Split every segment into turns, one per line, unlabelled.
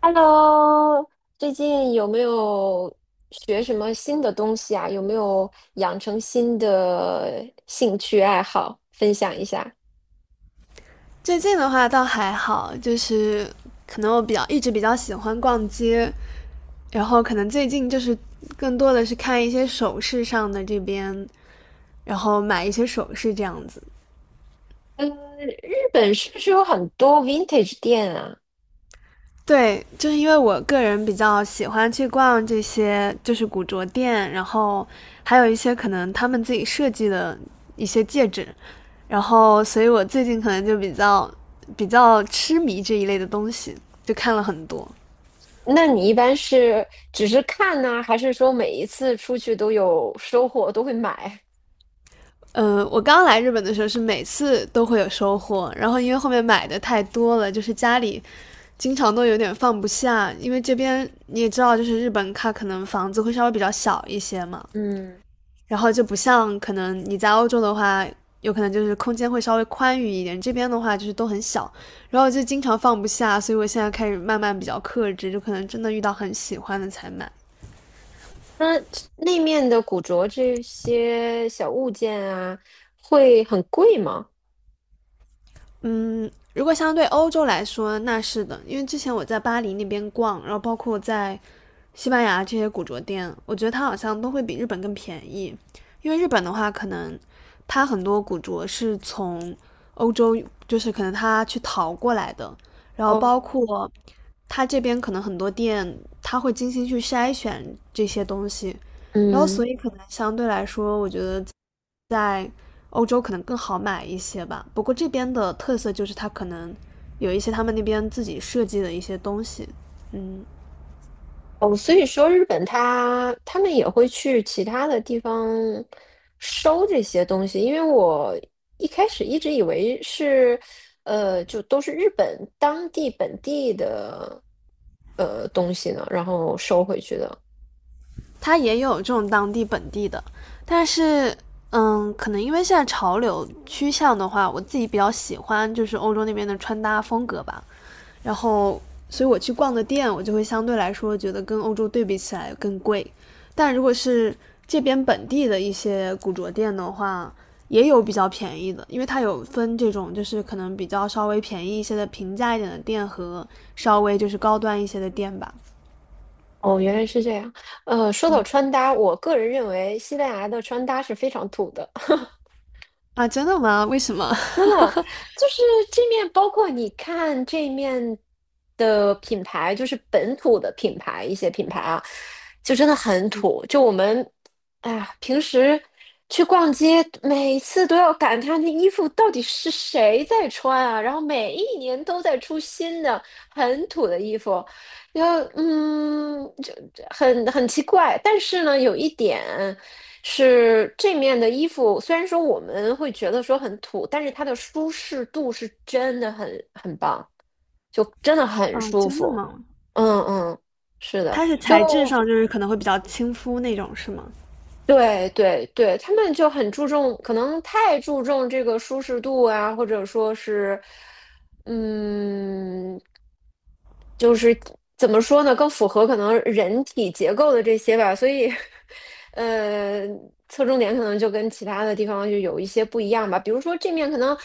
Hello,最近有没有学什么新的东西啊？有没有养成新的兴趣爱好？分享一下。
最近的话倒还好，就是可能我一直比较喜欢逛街，然后可能最近就是更多的是看一些首饰上的这边，然后买一些首饰这样子。
嗯，日本是不是有很多 vintage 店啊？
对，就是因为我个人比较喜欢去逛这些就是古着店，然后还有一些可能他们自己设计的一些戒指，然后所以我最近可能就比较痴迷这一类的东西，就看了很多。
那你一般是只是看呢，还是说每一次出去都有收获，都会买？
我刚来日本的时候是每次都会有收获，然后因为后面买的太多了，就是家里经常都有点放不下，因为这边你也知道，就是日本它可能房子会稍微比较小一些嘛，
嗯，
然后就不像可能你在欧洲的话，有可能就是空间会稍微宽裕一点，这边的话就是都很小，然后就经常放不下，所以我现在开始慢慢比较克制，就可能真的遇到很喜欢的才买。
那那面的古着这些小物件啊，会很贵吗？
如果相对欧洲来说，那是的，因为之前我在巴黎那边逛，然后包括在西班牙这些古着店，我觉得它好像都会比日本更便宜，因为日本的话，可能它很多古着是从欧洲，就是可能它去淘过来的，然后包
哦，
括它这边可能很多店，它会精心去筛选这些东西，然后所
嗯。
以可能相对来说，我觉得在欧洲可能更好买一些吧。不过这边的特色就是它可能有一些他们那边自己设计的一些东西。嗯，
哦，所以说日本他们也会去其他的地方收这些东西，因为我一开始一直以为是，就都是日本当地本地的东西呢，然后收回去的。
它也有这种当地本地的，但是嗯，可能因为现在潮流趋向的话，我自己比较喜欢就是欧洲那边的穿搭风格吧，然后所以我去逛的店，我就会相对来说觉得跟欧洲对比起来更贵，但如果是这边本地的一些古着店的话，也有比较便宜的，因为它有分这种就是可能比较稍微便宜一些的平价一点的店和稍微就是高端一些的店吧。
哦，原来是这样。说到穿搭，我个人认为西班牙的穿搭是非常土的。
啊，真的吗？为什么？
真的，就是这面，包括你看这面的品牌，就是本土的品牌，一些品牌啊，就真的很土。就我们，哎呀，平时去逛街，每次都要感叹那衣服到底是谁在穿啊，然后每一年都在出新的很土的衣服，要就很奇怪，但是呢，有一点是这面的衣服，虽然说我们会觉得说很土，但是它的舒适度是真的很棒，就真的很
啊，
舒
真的
服。
吗？
嗯嗯，是的，
它是
就
材质上就是可能会比较亲肤那种，是吗？
对对对，他们就很注重，可能太注重这个舒适度啊，或者说是，嗯，就是怎么说呢，更符合可能人体结构的这些吧，所以，呃，侧重点可能就跟其他的地方就有一些不一样吧。比如说这面可能，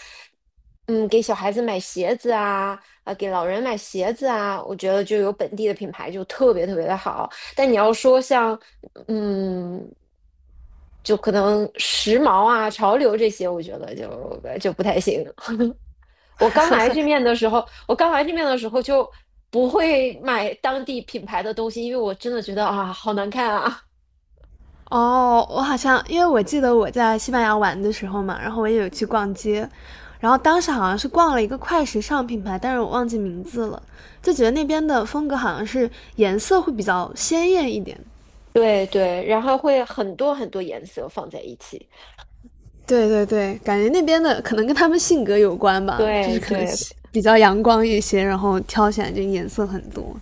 嗯，给小孩子买鞋子啊，啊，给老人买鞋子啊，我觉得就有本地的品牌就特别特别的好。但你要说像嗯，就可能时髦啊、潮流这些，我觉得就不太行。我刚来这面的时候就不会买当地品牌的东西，因为我真的觉得啊，好难看啊。
哦，我好像因为我记得我在西班牙玩的时候嘛，然后我也有去逛街，然后当时好像是逛了一个快时尚品牌，但是我忘记名字了，就觉得那边的风格好像是颜色会比较鲜艳一点。
对对，然后会很多很多颜色放在一起。
对对对，感觉那边的可能跟他们性格有关吧，就是
对
可能
对，
是比较阳光一些，然后挑起来就颜色很多。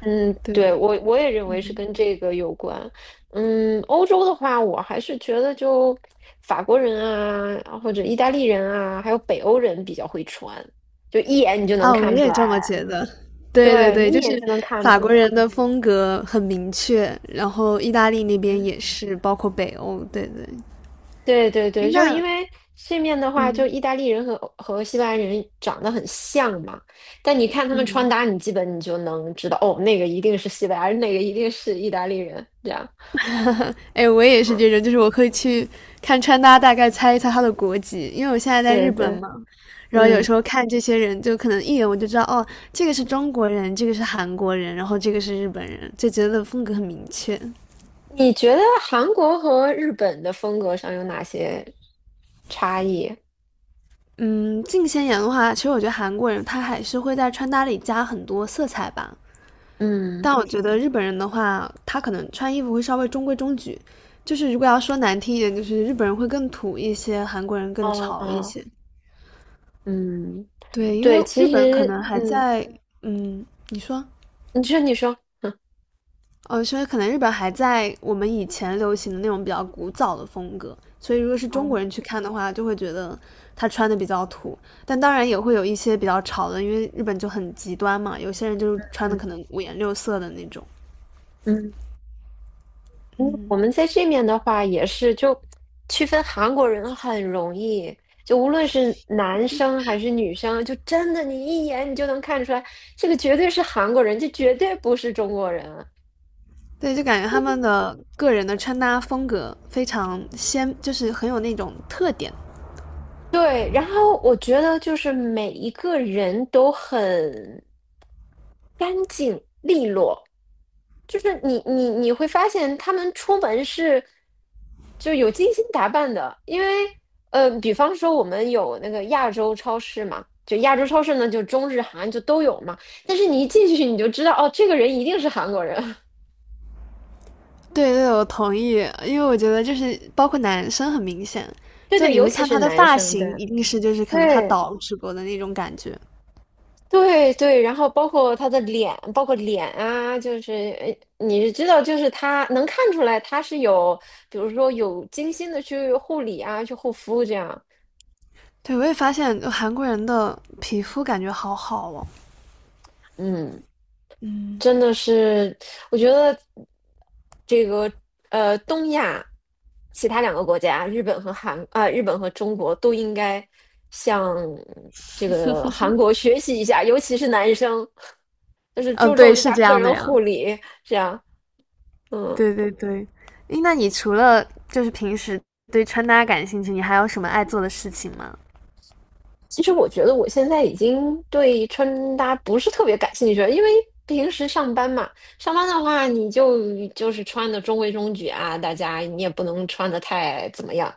嗯，对，
对，
我也认为是跟这个有关。嗯，欧洲的话，我还是觉得就法国人啊，或者意大利人啊，还有北欧人比较会穿，就一眼你就能
啊，我
看出
也
来。
这么觉得。对对
对，
对，
你一
就是
眼就能看
法
出
国
来。
人的风格很明确，然后意大利那边
嗯，
也是，包括北欧。对对，
对对
诶
对，就因
那
为这面的话，就
嗯
意大利人和西班牙人长得很像嘛，但你看他们穿
嗯，
搭，你基本你就能知道，哦，那个一定是西班牙人，那个一定是意大利人，这样。
哎，我也是这种，就是我可以去看穿搭，大概猜一猜他的国籍，因为我现在在
对
日本
对，
嘛，然后有
嗯。
时候看这些人，就可能一眼我就知道，哦，这个是中国人，这个是韩国人，然后这个是日本人，就觉得风格很明确。
你觉得韩国和日本的风格上有哪些差异？
嗯，近些年的话，其实我觉得韩国人他还是会在穿搭里加很多色彩吧。
嗯，
但我觉得日本人的话，他可能穿衣服会稍微中规中矩，就是如果要说难听一点，就是日本人会更土一些，韩国人更
哦
潮一
哦，
些。
嗯，
对，因
对，
为日
其
本可
实，
能还
嗯，
在，嗯，你说，
你说，你说，嗯
哦，所以可能日本还在我们以前流行的那种比较古早的风格，所以如果是
哦，
中国人去看的话，就会觉得他穿的比较土，但当然也会有一些比较潮的，因为日本就很极端嘛，有些人就是穿的
嗯
可能五颜六色的那种。
嗯，嗯我们在这面的话也是，就区分韩国人很容易，就无论是男生还是女生，就真的你一眼你就能看出来，这个绝对是韩国人，这绝对不是中国人。
对，就感觉他
就。
们的个人的穿搭风格非常鲜，就是很有那种特点。
对，然后我觉得就是每一个人都很干净利落，就是你会发现他们出门是就有精心打扮的，因为比方说我们有那个亚洲超市嘛，就亚洲超市呢，就中日韩就都有嘛，但是你一进去你就知道哦，这个人一定是韩国人，
对对，我同意，因为我觉得就是包括男生很明显，
对
就
对，
你
尤
会
其
看
是
他的
男
发
生，对
型，一定是就是可能他
对。
捯直播的那种感觉。
对对，然后包括他的脸，包括脸啊，就是呃你是知道，就是他能看出来他是有，比如说有精心的去护理啊，去护肤这样，
对，我也发现韩国人的皮肤感觉好好哦。
嗯，
嗯
真的是，我觉得这个东亚其他两个国家，日本和韩啊、日本和中国都应该向这个韩国学习一下，尤其是男生，就是
嗯，
注
对，
重一
是
下
这
个
样的
人
呀。
护理，这样，嗯。
对对对，诶那你除了就是平时对穿搭感兴趣，你还有什么爱做的事情吗？
其实我觉得我现在已经对穿搭不是特别感兴趣了，因为平时上班嘛，上班的话你就是穿的中规中矩啊，大家你也不能穿的太怎么样。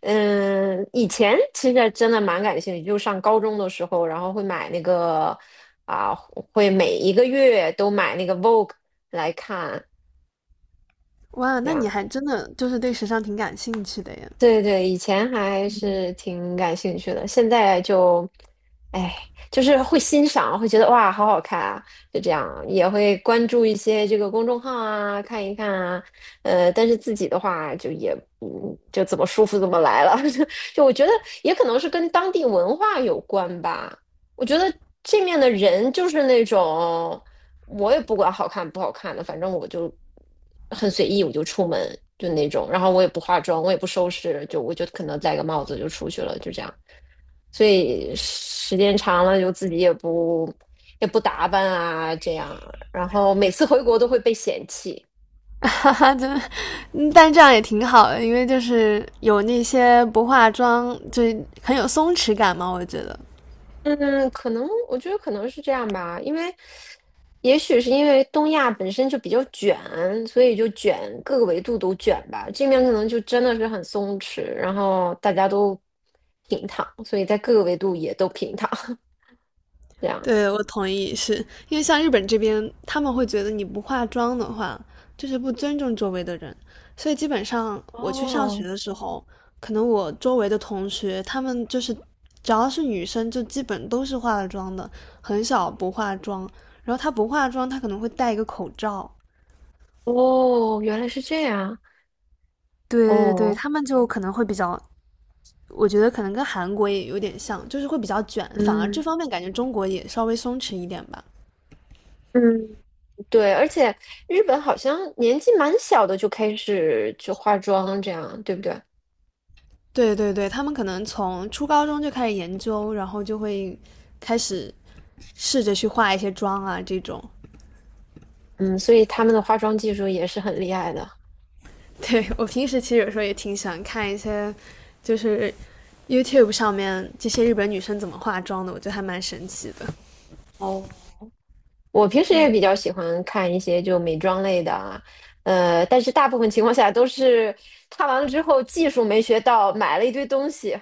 嗯，以前其实真的蛮感兴趣，就上高中的时候，然后会买那个啊，会每一个月都买那个 Vogue 来看。
哇，
这
那你
样。
还真的就是对时尚挺感兴趣的耶。
对对，以前还是挺感兴趣的，现在就，哎，就是会欣赏，会觉得哇，好好看啊，就这样，也会关注一些这个公众号啊，看一看啊，但是自己的话就也，就怎么舒服怎么来了，就我觉得也可能是跟当地文化有关吧，我觉得这面的人就是那种。我也不管好看不好看的，反正我就很随意，我就出门就那种，然后我也不化妆，我也不收拾，就我就可能戴个帽子就出去了，就这样。所以时间长了，就自己也不打扮啊，这样，然后每次回国都会被嫌弃。
哈哈，就，嗯但这样也挺好的，因为就是有那些不化妆，就很有松弛感嘛。我觉得，
嗯，可能我觉得可能是这样吧，因为也许是因为东亚本身就比较卷，所以就卷各个维度都卷吧。这面可能就真的是很松弛，然后大家都平躺，所以在各个维度也都平躺。这样。
对我同意，是因为像日本这边，他们会觉得你不化妆的话，就是不尊重周围的人，所以基本上我去上学
哦
的时候，可能我周围的同学，他们就是只要是女生，就基本都是化了妆的，很少不化妆。然后她不化妆，她可能会戴一个口罩。
哦，原来是这样。
对对对，
哦，
他们就可能会比较我觉得可能跟韩国也有点像，就是会比较卷，反而这
嗯
方面感觉中国也稍微松弛一点吧。
嗯，对，而且日本好像年纪蛮小的就开始就化妆，这样对不对？
对对对，他们可能从初高中就开始研究，然后就会开始试着去化一些妆啊这种。
嗯，所以他们的化妆技术也是很厉害的。
对我平时其实有时候也挺喜欢看一些，就是 YouTube 上面这些日本女生怎么化妆的，我觉得还蛮神奇的。
哦，我平时也比较喜欢看一些就美妆类的啊，但是大部分情况下都是看完了之后技术没学到，买了一堆东西。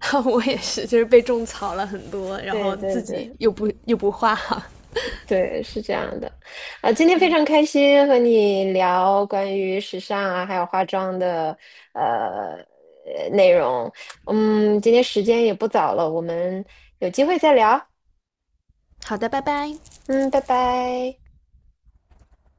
我也是，就是被种草了很多，然
对
后
对
自己
对
又不化。
对，是这样的。啊、今天非常开心和你聊关于时尚啊，还有化妆的呃内容。嗯，今天时间也不早了，我们有机会再聊。
好的，拜拜。
嗯，拜拜。